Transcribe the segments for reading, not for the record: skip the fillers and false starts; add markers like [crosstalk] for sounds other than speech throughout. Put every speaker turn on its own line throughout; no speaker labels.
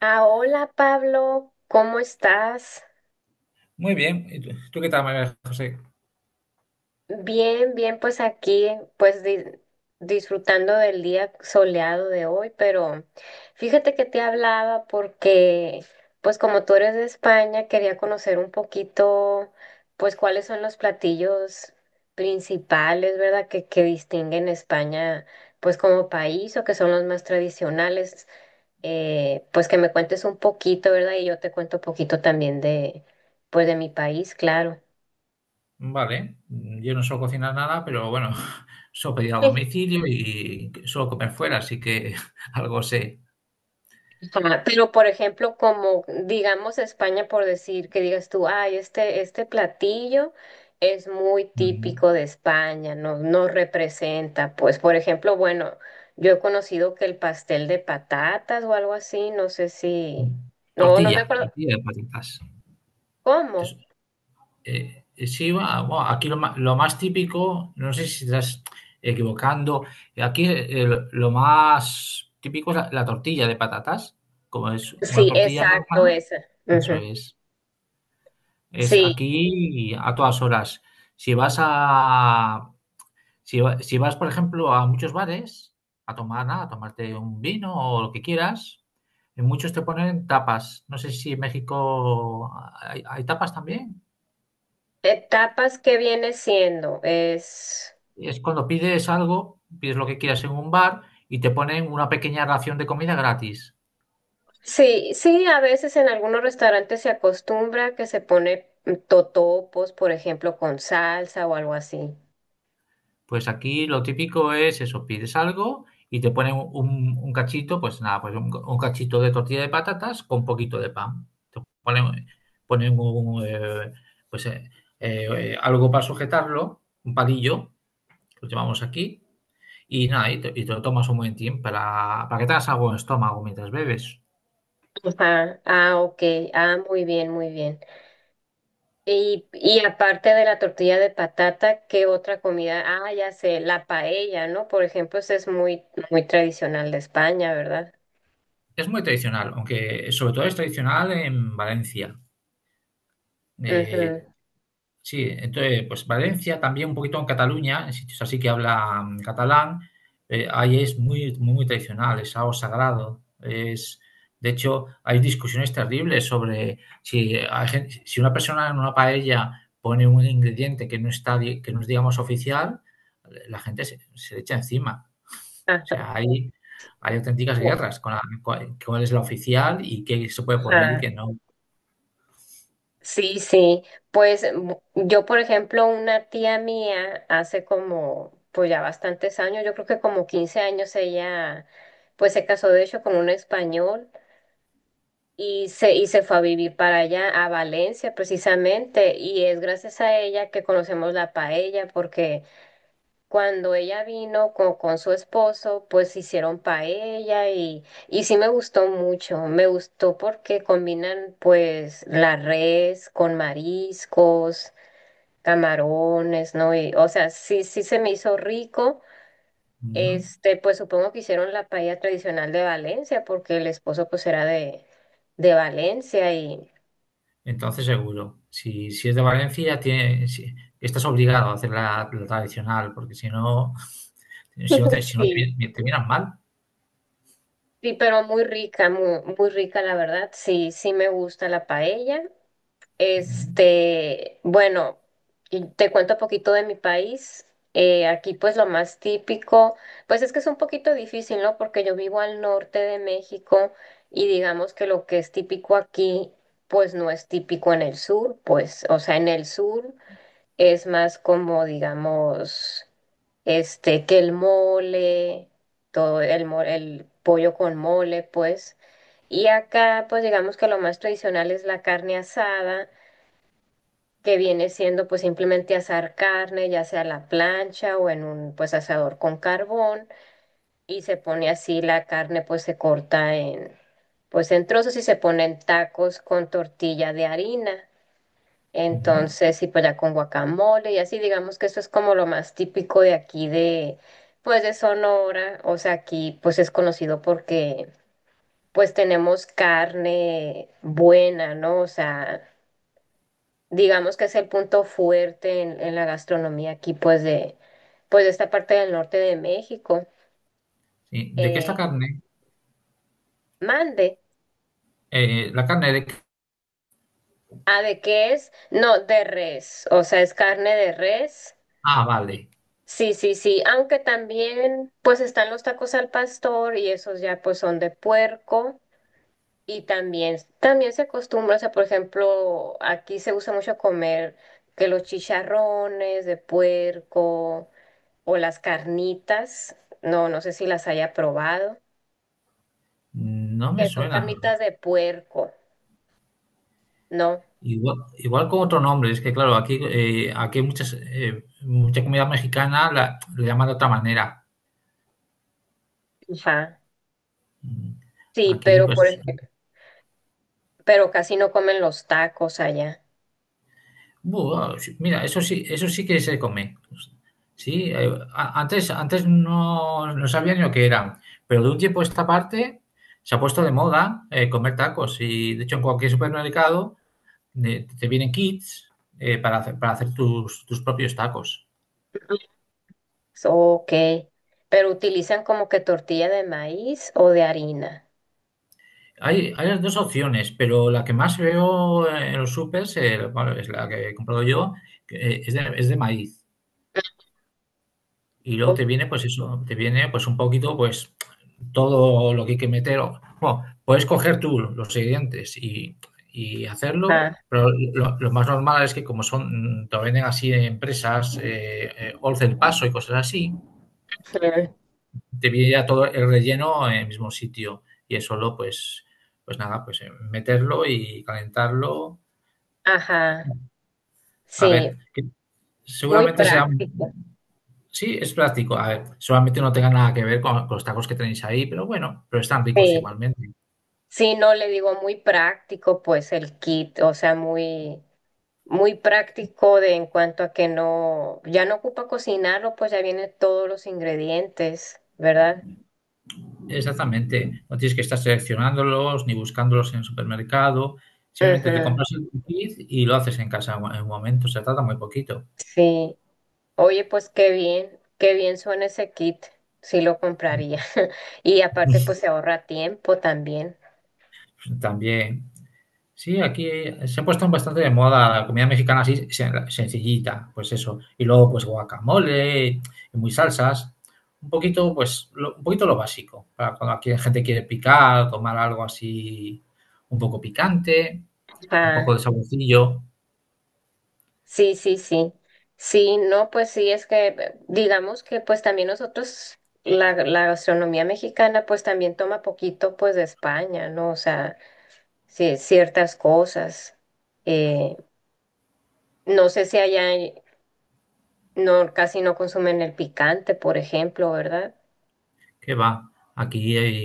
Ah, hola Pablo, ¿cómo estás?
Muy bien. ¿Y tú qué tal, María José?
Bien, bien, pues aquí, pues disfrutando del día soleado de hoy, pero fíjate que te hablaba porque, pues como tú eres de España, quería conocer un poquito, pues cuáles son los platillos principales, ¿verdad? Que distinguen España, pues como país o que son los más tradicionales. Pues que me cuentes un poquito, ¿verdad? Y yo te cuento un poquito también de, pues de mi país, claro.
Vale, yo no suelo cocinar nada, pero bueno, [laughs] suelo pedir a
Sí.
domicilio y suelo comer fuera, así que [laughs] algo sé.
Ajá. Pero, por ejemplo, como digamos España, por decir que digas tú, ay, este platillo es muy
Mm,
típico de España, no, no representa, pues, por ejemplo, bueno, yo he conocido que el pastel de patatas o algo así, no sé si,
mm.
no me
Tortilla,
acuerdo,
tortilla de patatas.
¿cómo?
Entonces, sí, bueno, aquí lo más típico, no sé si estás equivocando, aquí lo más típico es la tortilla de patatas, como es una
Sí,
tortilla
exacto,
normal,
esa.
eso
Ujú.
es. Es
Sí.
aquí a todas horas. Si vas a si vas, por ejemplo, a muchos bares a tomar nada, a tomarte un vino o lo que quieras, en muchos te ponen tapas. No sé si en México ¿hay tapas también.
Etapas que viene siendo es
Es cuando pides algo, pides lo que quieras en un bar y te ponen una pequeña ración de comida gratis.
sí, sí, a veces en algunos restaurantes se acostumbra que se pone totopos, por ejemplo, con salsa o algo así.
Pues aquí lo típico es eso, pides algo y te ponen un cachito, pues nada, pues un cachito de tortilla de patatas con un poquito de pan. Te ponen, ponen pues, eh, algo para sujetarlo, un palillo, que lo llamamos aquí, y nada, y te lo tomas un momentín para que te hagas algo en el estómago mientras bebes.
Ajá. Ah, ok. Ah, muy bien, muy bien. Y aparte de la tortilla de patata, ¿qué otra comida? Ah, ya sé, la paella, ¿no? Por ejemplo, esa es muy, muy tradicional de España, ¿verdad?
Es muy tradicional, aunque sobre todo es tradicional en Valencia. Eh,
Ujú.
Sí, entonces, pues Valencia, también un poquito en Cataluña, en sitios así que hablan catalán, ahí es muy, muy, muy tradicional, es algo sagrado. Es, de hecho, hay discusiones terribles sobre si, si una persona en una paella pone un ingrediente que no está, que no es, digamos, oficial, la gente se, se le echa encima. O sea, hay auténticas guerras con cuál cuál es la oficial y qué se puede poner y
Ajá.
qué no.
Sí, sí, pues yo, por ejemplo, una tía mía hace como, pues ya bastantes años, yo creo que como 15 años ella, pues se casó de hecho con un español y se fue a vivir para allá, a Valencia precisamente, y es gracias a ella que conocemos la paella, porque cuando ella vino con su esposo, pues hicieron paella y sí me gustó mucho. Me gustó porque combinan pues la res con mariscos, camarones, ¿no? Y, o sea, sí, sí se me hizo rico.
Ujú.
Este, pues supongo que hicieron la paella tradicional de Valencia porque el esposo pues era de Valencia y
Entonces seguro, si, si es de Valencia, tiene, estás obligado a hacer la, la tradicional, porque si no, si no te,
[laughs]
si no te,
sí,
te miran mal.
sí, pero muy rica, muy, muy rica la verdad. Sí, sí me gusta la paella. Este, bueno, y te cuento un poquito de mi país. Aquí pues lo más típico, pues es que es un poquito difícil, ¿no? Porque yo vivo al norte de México y digamos que lo que es típico aquí, pues no es típico en el sur, pues, o sea, en el sur es más como, digamos, este, que el mole, todo el, el pollo con mole, pues. Y acá, pues digamos que lo más tradicional es la carne asada que viene siendo pues simplemente asar carne, ya sea a la plancha o en un pues asador con carbón y se pone así la carne pues se corta en pues en trozos y se ponen tacos con tortilla de harina.
Mm.
Entonces, y pues ya con guacamole y así, digamos que eso es como lo más típico de aquí de pues de Sonora, o sea, aquí pues es conocido porque pues tenemos carne buena, ¿no? O sea, digamos que es el punto fuerte en la gastronomía aquí, pues de esta parte del norte de México.
Sí. ¿De qué es la
Eh,
carne?
Mande.
La carne de...
¿A de qué es? No, de res, o sea, es carne de res.
Ah, vale.
Sí, sí, sí, aunque también pues están los tacos al pastor y esos ya pues son de puerco y también, también se acostumbra, o sea, por ejemplo, aquí se usa mucho comer que los chicharrones de puerco o las carnitas, no sé si las haya probado,
No me
que son
suena.
carnitas de puerco, ¿no?
Igual, igual con otro nombre, es que claro, aquí, aquí hay muchas, mucha comida mexicana la, le llaman de otra manera.
Ajá.
Mm.
Sí,
Aquí,
pero por
pues,
pero casi no comen los tacos allá.
buah, sí, mira, eso sí que se come. Sí, antes, antes no, no sabía ni lo que eran, pero de un tiempo a esta parte se ha puesto de moda comer tacos y de hecho en cualquier supermercado te vienen kits para hacer tus, tus propios tacos.
Ujú. Ok, pero utilizan como que tortilla de maíz o de harina.
Hay las dos opciones, pero la que más veo en los supers, bueno, es la que he comprado yo, que, es de maíz. Y luego
Ujú.
te viene, pues eso, te viene pues un poquito, pues todo lo que hay que meter. Bueno, puedes coger tú los ingredientes y hacerlo,
Ajá.
pero lo más normal es que como son, te lo venden así en empresas, once el paso y cosas así,
Ujú.
te viene ya todo el relleno en el mismo sitio. Y es solo, pues, pues nada, pues meterlo y calentarlo.
Ajá.
A ver,
Sí,
que
muy
seguramente sea
práctico.
sí, es práctico. A ver, solamente no tenga nada que ver con los tacos que tenéis ahí, pero bueno, pero están ricos
Sí.
igualmente.
Sí, no le digo muy práctico, pues el kit, o sea, muy muy práctico de en cuanto a que no, ya no ocupa cocinarlo, pues ya vienen todos los ingredientes, ¿verdad?
Exactamente. No tienes que estar seleccionándolos ni buscándolos en el supermercado.
Claro.
Simplemente te
Ujú,
compras el kit y lo haces en casa en un momento. Se trata muy poquito.
sí. Oye, pues qué bien suena ese kit, sí lo compraría. [laughs] Y aparte, pues se ahorra tiempo también.
También sí, aquí se ha puesto bastante de moda la comida mexicana así sencillita, pues eso. Y luego pues guacamole y muy salsas. Un poquito, pues, lo, un poquito lo básico, para cuando aquí la gente quiere picar, tomar algo así un poco picante, un poco
Ah,
de saborcillo,
sí, sí, sí. Sí, no, pues sí, es que digamos que pues también nosotros, la gastronomía mexicana pues también toma poquito pues de España, ¿no? O sea, sí, ciertas cosas. Eh, no sé si allá no, casi no consumen el picante, por ejemplo, ¿verdad?
que va. Aquí hay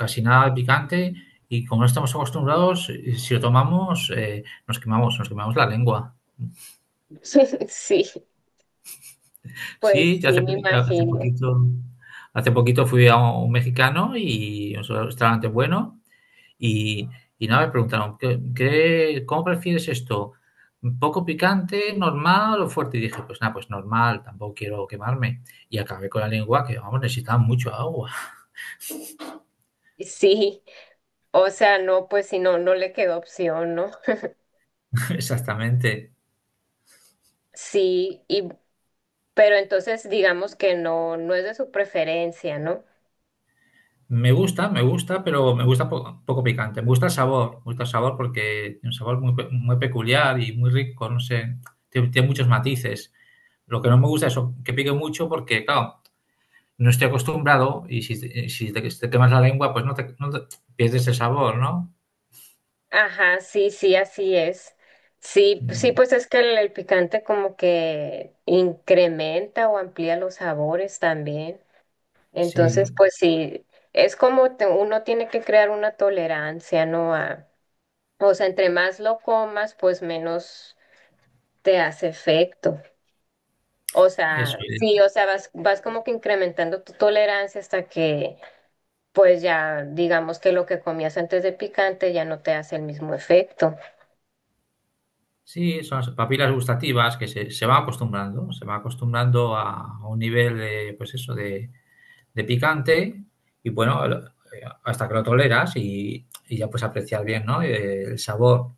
casi nada de picante y como no estamos acostumbrados, si lo tomamos, nos quemamos la lengua.
[laughs] Sí, pues
Sí, ya
sí,
hace
me
poquito, hace
imagino.
poquito, hace poquito fui a un mexicano y un restaurante bueno y, y nada, me preguntaron: ¿qué, cómo prefieres esto? ¿Poco picante, normal o fuerte? Y dije, pues nada, pues normal, tampoco quiero quemarme. Y acabé con la lengua que, vamos, necesitaba mucho agua.
Sí, o sea, no, pues si no, no le quedó opción, ¿no?
[laughs] Exactamente.
Sí, y, pero entonces digamos que no, no es de su preferencia, ¿no?
Me gusta, pero me gusta poco picante. Me gusta el sabor, me gusta el sabor porque tiene un sabor muy, muy peculiar y muy rico, no sé, tiene tiene muchos matices. Lo que no me gusta es que pique mucho porque, claro, no estoy acostumbrado y si, si te, si te quemas la lengua, pues no te, pierdes el sabor, ¿no?
Ajá, sí, sí, así es. Sí, sí,
Mm,
pues es que el picante como que incrementa o amplía los sabores también. Entonces,
sí,
pues sí, es como uno tiene que crear una tolerancia, ¿no? A, o sea, entre más lo comas, pues menos te hace efecto. O
eso
sea,
es.
sí, o sea, vas, vas como que incrementando tu tolerancia hasta que, pues ya, digamos que lo que comías antes de picante ya no te hace el mismo efecto.
Sí, son las papilas gustativas que se, se van acostumbrando a un nivel de, pues eso, de picante y bueno, hasta que lo toleras y ya puedes apreciar bien, ¿no? El sabor.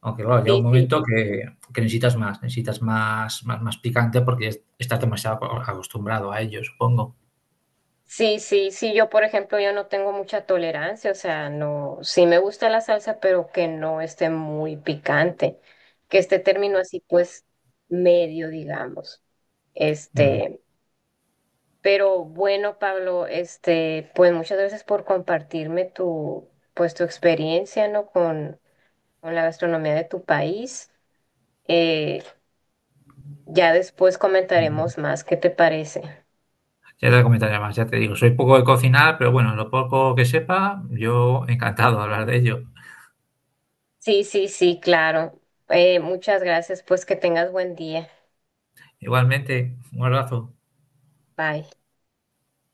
Aunque claro, llega un
Sí, sí.
momento que necesitas más, más, más picante porque estás demasiado acostumbrado a ello, supongo.
Sí, sí, sí, yo por ejemplo yo no tengo mucha tolerancia, o sea, no, sí me gusta la salsa, pero que no esté muy picante, que esté término así pues medio, digamos.
Mm,
Este, pero bueno, Pablo, este, pues muchas gracias por compartirme tu, pues tu experiencia, ¿no? Con la gastronomía de tu país. Eh, ya después
mm.
comentaremos más, ¿qué te parece?
Ya te comentaré más, ya te digo, soy poco de cocinar, pero bueno, lo poco que sepa, yo encantado de hablar de ello.
Sí, sí, sí, claro. Muchas gracias, pues que tengas buen día.
Igualmente, un abrazo.
Bye.